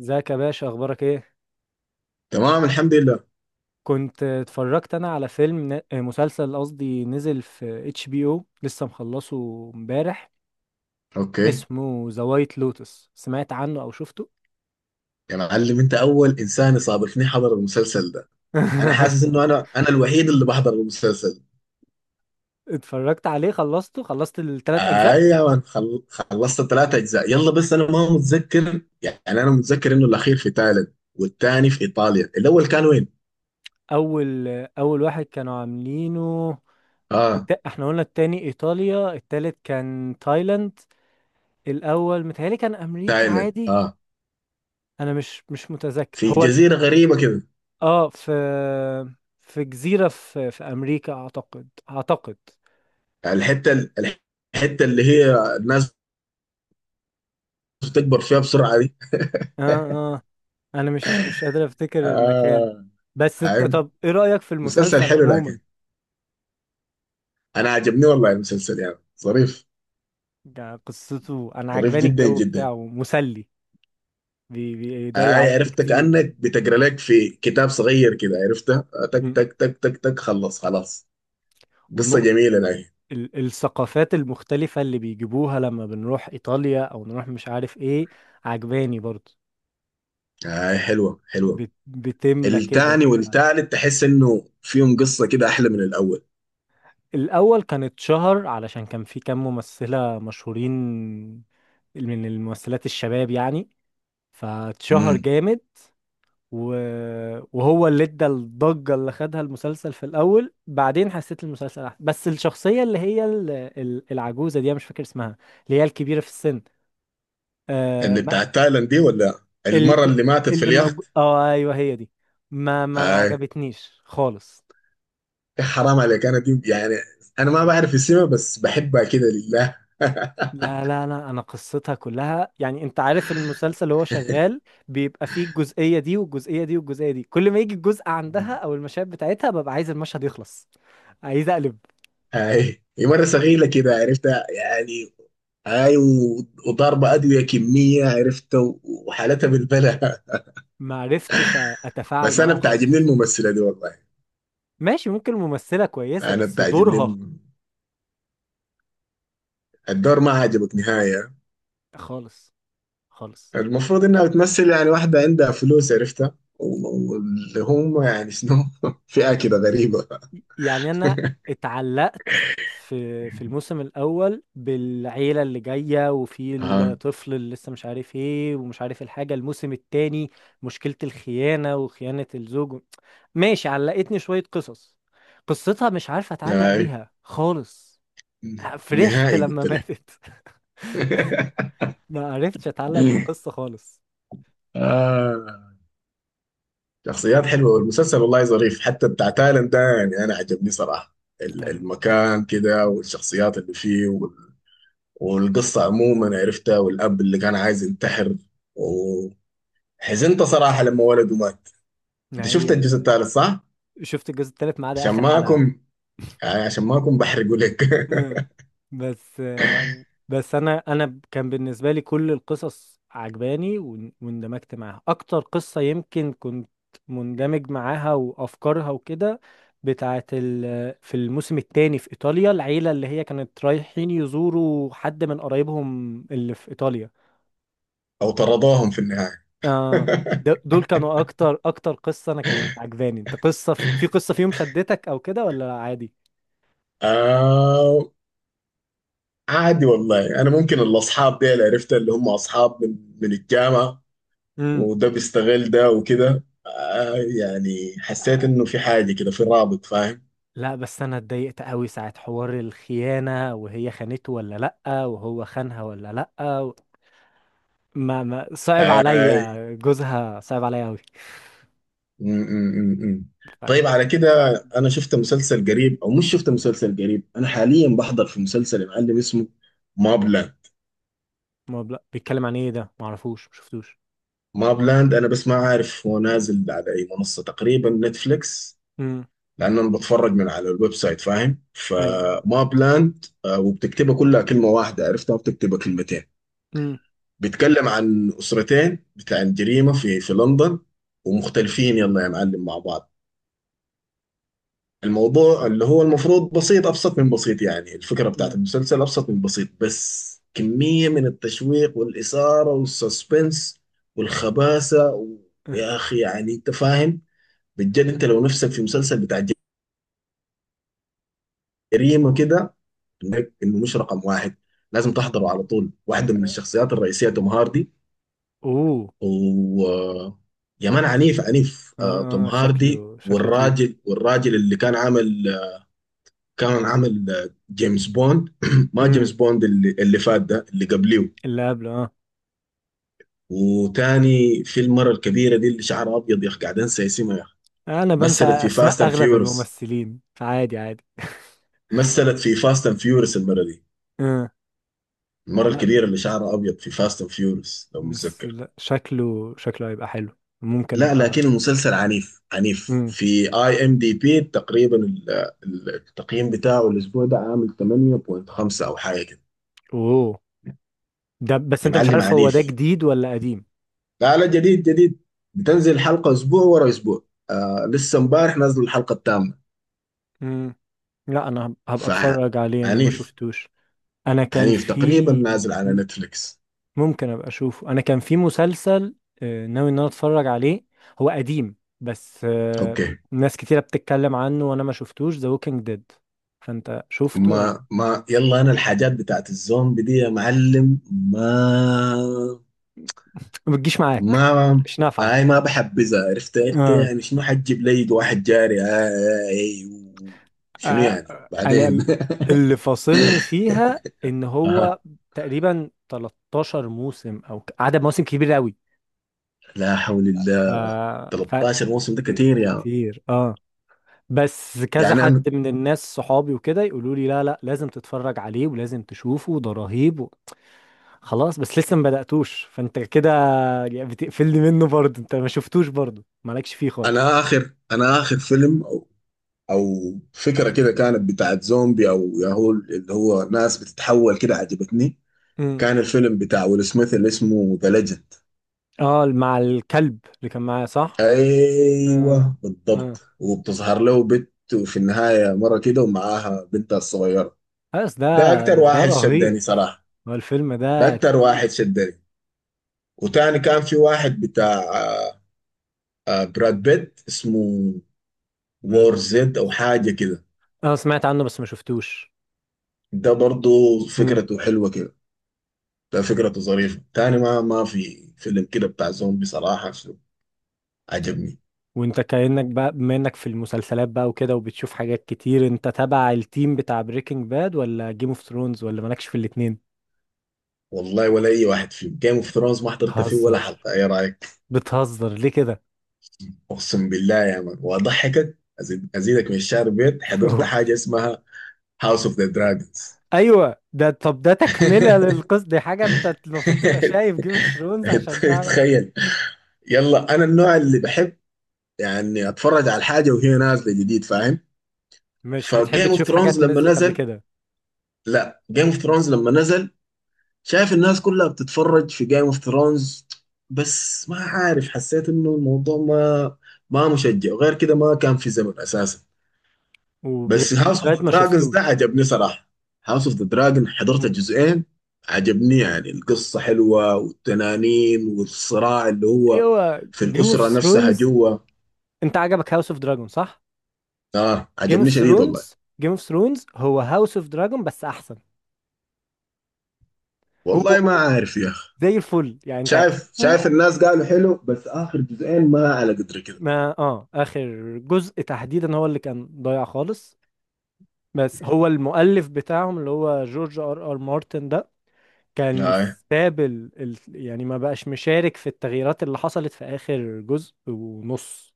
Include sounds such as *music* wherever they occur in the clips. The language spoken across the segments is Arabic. ازيك يا باشا، اخبارك ايه؟ تمام، الحمد لله. كنت اتفرجت انا على فيلم مسلسل قصدي نزل في HBO، لسه مخلصه امبارح. اوكي. اسمه ذا وايت لوتس، سمعت عنه او شفته؟ يا معلم انت اول انسان يصادفني حضر المسلسل ده. انا حاسس *laughs* انه انا الوحيد اللي بحضر المسلسل. اتفرجت عليه، خلصته خلصت الثلاث اجزاء. اي يا مان، خلصت ثلاثة اجزاء. يلا بس انا ما متذكر، يعني انا متذكر انه الاخير في تايلاند والثاني في ايطاليا، الاول كان وين؟ اول اول واحد كانوا عاملينه. اه احنا قلنا التاني ايطاليا، التالت كان تايلاند. الاول متهيألي كان امريكا تايلاند، عادي. اه انا مش متذكر في هو. جزيرة غريبة كده. اه في في جزيرة، في أمريكا أعتقد. الحتة ال- الحتة اللي هي الناس بتكبر فيها بسرعة دي. اه *laughs* اه أنا مش قادر أفتكر المكان. آه. بس أنت، آه. طب إيه رأيك في مسلسل المسلسل حلو عموما؟ لكن انا عجبني والله المسلسل، يعني ظريف، يعني قصته أنا ظريف عجباني، جدا الجو جدا. بتاعه مسلي. بيضيع اي وقت عرفت كتير. كانك بتقرا لك في كتاب صغير كده، عرفتها، آه، تك مم. تك تك تك تك خلص خلاص. قصه ونقط. جميله لكن. الثقافات المختلفة اللي بيجيبوها لما بنروح إيطاليا أو نروح مش عارف إيه، عجباني برضه. اي، حلوه حلوه. بتملى كده التاني في المعنى. والتالت تحس انه فيهم قصه كده احلى من الاول. الأول كان اتشهر علشان كان في كام ممثلة مشهورين، من الممثلات الشباب يعني، فاتشهر امم. جامد. و... وهو اللي ادى الضجة اللي خدها المسلسل في الأول، بعدين حسيت المسلسل أحسن. بس الشخصية اللي هي العجوزة دي، أنا مش فاكر اسمها، اللي هي الكبيرة في السن، آه اللي ما... بتاع تايلاند دي ولا ال... المره اللي ماتت في اللي موجود اليخت؟ اه ايوه هي دي، ما اي عجبتنيش خالص. يا حرام عليك، انا دي يعني انا ما بعرف اسمها بس بحبها كده لله. لا لا لا، انا قصتها كلها يعني، انت عارف المسلسل هو شغال، بيبقى فيه الجزئية دي والجزئية دي والجزئية دي، كل ما يجي الجزء عندها مم. او المشاهد بتاعتها ببقى عايز المشهد يخلص، عايز اقلب. اي هي مره صغيره كده عرفتها يعني. اي، وضاربه ادويه كميه، عرفت، وحالتها بالبلاء. ما عرفتش *laughs* اتفاعل بس انا معاها بتعجبني خالص. الممثله دي والله. ماشي، ممكن الممثلة كويسة انا بس بتعجبني دورها الم- الدور ما عجبك نهايه. خالص خالص. المفروض انها بتمثل يعني واحده عندها فلوس، عرفتها، واللي هم يعني شنو، *laughs* فئه كده غريبه. *laughs* يعني انا اتعلقت في الموسم الاول بالعيله اللي جايه، وفي اها. الطفل اللي لسه مش عارف ايه ومش عارف الحاجه. الموسم التاني مشكله الخيانه وخيانه الزوج، ماشي علقتني شويه قصص. قصتها مش عارف اتعلق اي. بيها خالص، فرحت نهائي لما قلت لك. ماتت. *laughs* *laughs* ما عرفتش اتعلق بالقصه خالص. آه. شخصيات حلوه والمسلسل والله ظريف، حتى بتاع تايلاند ده يعني انا عجبني صراحه. كان، المكان كده والشخصيات اللي فيه والقصة عموما، عرفتها، والأب اللي كان عايز ينتحر، وحزنت صراحة لما ولده مات. أنت ما شفت هي، الجزء الثالث صح؟ شفت الجزء التالت ما عدا عشان اخر ما حلقه. أكون، يعني عشان ما أكون بحرقه لك. مم. بس بس انا كان بالنسبه لي كل القصص عجباني، واندمجت معاها اكتر قصه يمكن كنت مندمج معاها وافكارها وكده، بتاعه في الموسم الثاني في ايطاليا العيله اللي هي كانت رايحين يزوروا حد من قرايبهم اللي في ايطاليا. *laughs* أو طردوهم في النهاية. اه *laughs* دول كانوا اكتر قصه انا كانت عجباني. انت قصه في قصه فيهم شدتك او كده ولا عادي؟ آه. عادي والله. أنا ممكن الأصحاب دي اللي عرفتها اللي هم أصحاب من الجامعة، امم وده بيستغل ده وكده، آه يعني حسيت إنه في حاجة كده، في رابط فاهم؟ لا، بس انا اتضايقت قوي ساعة حوار الخيانة، وهي خانته ولا لأ، وهو خانها ولا لأ ما صعب آه، عليا جوزها، صعب عليا قوي. م. طيب طيب، على كده. انا شفت مسلسل قريب، او مش شفت مسلسل قريب، انا حاليا بحضر في مسلسل يا معلم اسمه ماب لاند. ما بلا بيتكلم عن ايه ده؟ ما اعرفوش، ما شفتوش. ماب لاند، انا بس ما عارف هو نازل على اي منصة، تقريبا نتفليكس، امم لان انا بتفرج من على الويب سايت فاهم؟ ايوه ايوه. فماب لاند، آه، وبتكتبها كلها كلمة واحدة، عرفتها، وبتكتبها كلمتين. امم بيتكلم عن اسرتين بتاع الجريمة في لندن، ومختلفين يلا يا معلم مع بعض. الموضوع اللي هو المفروض بسيط أبسط من بسيط، يعني الفكرة بتاعت آه، المسلسل أبسط من بسيط، بس كمية من التشويق والإثارة والسسبنس والخباثة و... آه. يا أخي يعني أنت فاهم، بجد. أنت لو نفسك في مسلسل بتاع جريمة كده، إنك إنه مش رقم واحد، لازم تحضره على طول. واحدة من لا. الشخصيات الرئيسية توم هاردي، *laughs* اوه. و... يا مان عنيف عنيف، آه، توم اه هاردي، شكله تقيل. والراجل اللي كان عامل، كان عمل، آه، جيمس بوند. *clears throat* ما امم جيمس بوند اللي فات ده، اللي قبليه. اللي قبله اه. وتاني في المرة الكبيرة دي اللي شعرها أبيض، يا أخي قاعد أنسى اسمها يا أخي. انا بنسى مثلت في فاست اسماء أند اغلب فيورس، الممثلين، فعادي عادي. مثلت في فاست أند فيورس المرة دي. آه. المرة *laughs* لا، الكبيرة اللي شعرها أبيض في فاست أند فيورس لو بس متذكر. لا، شكله هيبقى حلو، ممكن لا لكن ابقى. المسلسل عنيف عنيف. في اي ام دي بي تقريبا التقييم بتاعه الاسبوع ده عامل 8.5 او حاجه كده. اوه. ده بس يا انت مش معلم عارف هو ده عنيف. جديد ولا قديم. لا لا، جديد جديد. بتنزل حلقة أسبوع ورا أسبوع، آه لسه امبارح نازل الحلقة الثامنة. امم لا، انا هبقى ف اتفرج عليه، انا ما عنيف، شفتوش. انا كان عنيف. تقريبا في. نازل على مم. نتفليكس. ممكن ابقى اشوفه، انا كان في مسلسل ناوي ان انا اتفرج عليه، هو قديم بس أوكي. ناس كتيرة بتتكلم عنه وانا ما شفتوش، ذا ووكينج ديد. فانت شفته ولا؟ ما يلا، أنا الحاجات بتاعت الزومبي دي يا معلم ما. ما بتجيش معاك، ما مش هاي ما بحبذها، عرفت انت نافعة. يعني شنو؟ حتجيب لي واحد جاري هاي شنو آه، يعني انا بعدين؟ *laughs* اللي فاصلني فيها ان أها. هو تقريبا 13 موسم او عدد مواسم كبير قوي. لا حول ف... الله، ف... 13 موسم ده كتير يا. كتير اه. بس كذا يعني حد انا، من الناس صحابي وكده يقولوا لي لا لا لازم تتفرج عليه ولازم تشوفه، ده رهيب خلاص، بس لسه ما بدأتوش، فانت كده بتقفلني منه برضه، انت ما شفتوش برضه، مالكش فيه خالص. اخر فيلم او او فكره كده كانت بتاعت زومبي او ياهو، اللي هو ناس بتتحول كده، عجبتني. امم كان الفيلم بتاع ويل سميث اللي اسمه ذا ليجند. اه، مع الكلب اللي كان معايا صح؟ آه. ايوه آه. بالضبط. وبتظهر له بنت وفي النهايه مره كده ومعاها بنتها الصغيره. بس ده، ده اكتر ده واحد شدني رهيب، صراحه، هو الفيلم ده ده اكتر تقيل. واحد شدني. وتاني كان في واحد بتاع آه، آه، براد بيت اسمه براد وور بيت، زد او حاجه كده. انا سمعت عنه بس ما شفتوش. ده برضو مم. فكرته حلوه كده، ده فكرته ظريفة. تاني ما، ما في فيلم كده بتاع زومبي صراحة شو عجبني. وانت كأنك بقى، بما انك في المسلسلات بقى وكده وبتشوف حاجات كتير، انت تبع التيم بتاع بريكنج باد ولا جيم اوف ثرونز ولا مالكش في الاتنين؟ والله ولا أي واحد فيهم. جيم اوف ثرونز ما حضرت فيه ولا بتهزر، حلقة، إيه رأيك؟ بتهزر ليه كده؟ أقسم بالله يا مان، وأضحكك أزيد أزيدك من الشعر بيت، حضرت *laughs* حاجة اسمها هاوس اوف ذا دراجونز. ايوه ده، طب ده تكملة للقصة دي، حاجة انت المفروض تبقى شايف جيم اوف ثرونز عشان *laughs* تعرف. تخيل. يلا أنا النوع اللي بحب يعني أتفرج على الحاجة وهي نازلة جديد فاهم؟ مش بتحب فجيم اوف تشوف ثرونز حاجات لما نزلت قبل نزل، كده؟ لا جيم اوف ثرونز لما نزل، شايف الناس كلها بتتفرج في جيم اوف ثرونز، بس ما عارف حسيت انه الموضوع ما، ما مشجع، وغير كده ما كان في زمن اساسا. بس وبريكنج هاوس اوف باد ذا ما دراجونز ده شفتوش؟ عجبني صراحه. هاوس اوف ذا دراجون حضرت الجزئين. عجبني، يعني القصه حلوه والتنانين والصراع اللي هو ايوه في جيم اوف الاسره نفسها ثرونز. جوا. انت عجبك هاوس اوف دراجون صح؟ اه جيم اوف عجبني شديد والله. ثرونز جيم اوف ثرونز هو هاوس اوف دراجون بس احسن. هو والله ما هو عارف يا اخي. زي الفل يعني، انت شايف، شايف هتشوفه. الناس قالوا حلو بس اخر جزئين ما على قدر كده. ما اه اخر جزء تحديدا هو اللي كان ضايع خالص. بس هو المؤلف بتاعهم اللي هو جورج R R مارتن ده، كان آه. ساب يعني ما بقاش مشارك في التغييرات اللي حصلت في اخر جزء ونص،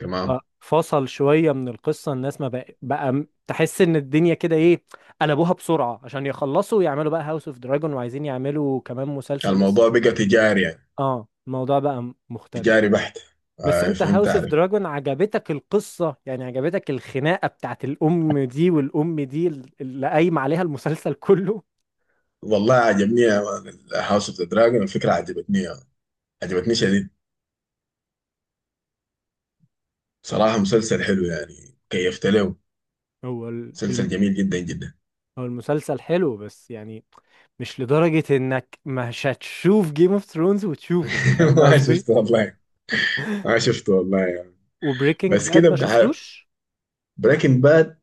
تمام. ففصل شوية من القصة، الناس ما بقى تحس ان الدنيا كده ايه، قلبوها بسرعة عشان يخلصوا ويعملوا بقى هاوس اوف دراجون، وعايزين يعملوا كمان مسلسل اسم. الموضوع بقى تجاري يعني، اه الموضوع بقى مختلف. تجاري بحت. بس آه انت فهمت هاوس اوف عليك. دراجون عجبتك القصة يعني، عجبتك الخناقة بتاعت الام دي والام دي، اللي قايم عليها المسلسل كله. والله عجبني. هاوس اوف ذا دراجون الفكرة عجبتني، عجبتني شديد. صراحة مسلسل حلو يعني كيفت له. هو مسلسل جميل جدا جدا. هو المسلسل حلو بس يعني مش لدرجة انك مش هتشوف جيم اوف ثرونز وتشوفه، *laughs* فاهم ما قصدي؟ شفته والله، ما شفته والله يعني. وبريكنج بس باد كده ما بقى. شفتوش؟ بريكنج باد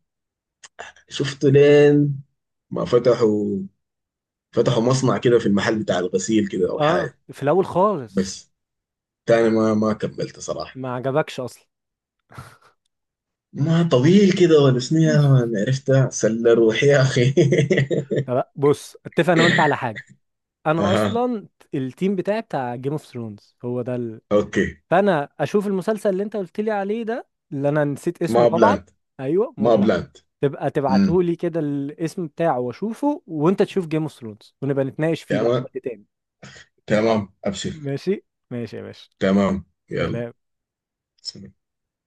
شفته لين ما فتحوا، فتحوا مصنع كده في المحل بتاع الغسيل كده او اه حاجة. في الاول خالص. بس تاني ما، ما كملت صراحة. ما عجبكش اصلا. ما طويل كده ولا شنو يا *laughs* مان؟ عرفتها سلة روحي يا أخي. طب بص، اتفق انا وانت على حاجه، *laughs* انا أها. اصلا التيم بتاعي بتاع جيم اوف ثرونز هو ده أوكي. فانا اشوف المسلسل اللي انت قلت لي عليه ده، اللي انا نسيت اسمه ما طبعا. بلاند. ايوه ما مبلغ. بلاند. تبقى امم. تبعته لي كده الاسم بتاعه واشوفه، وانت تشوف جيم اوف ثرونز ونبقى نتناقش فيه بقى في تمام. وقت تاني. تمام أبشر. ماشي ماشي يا باشا، تمام يلا. سلام. سلام.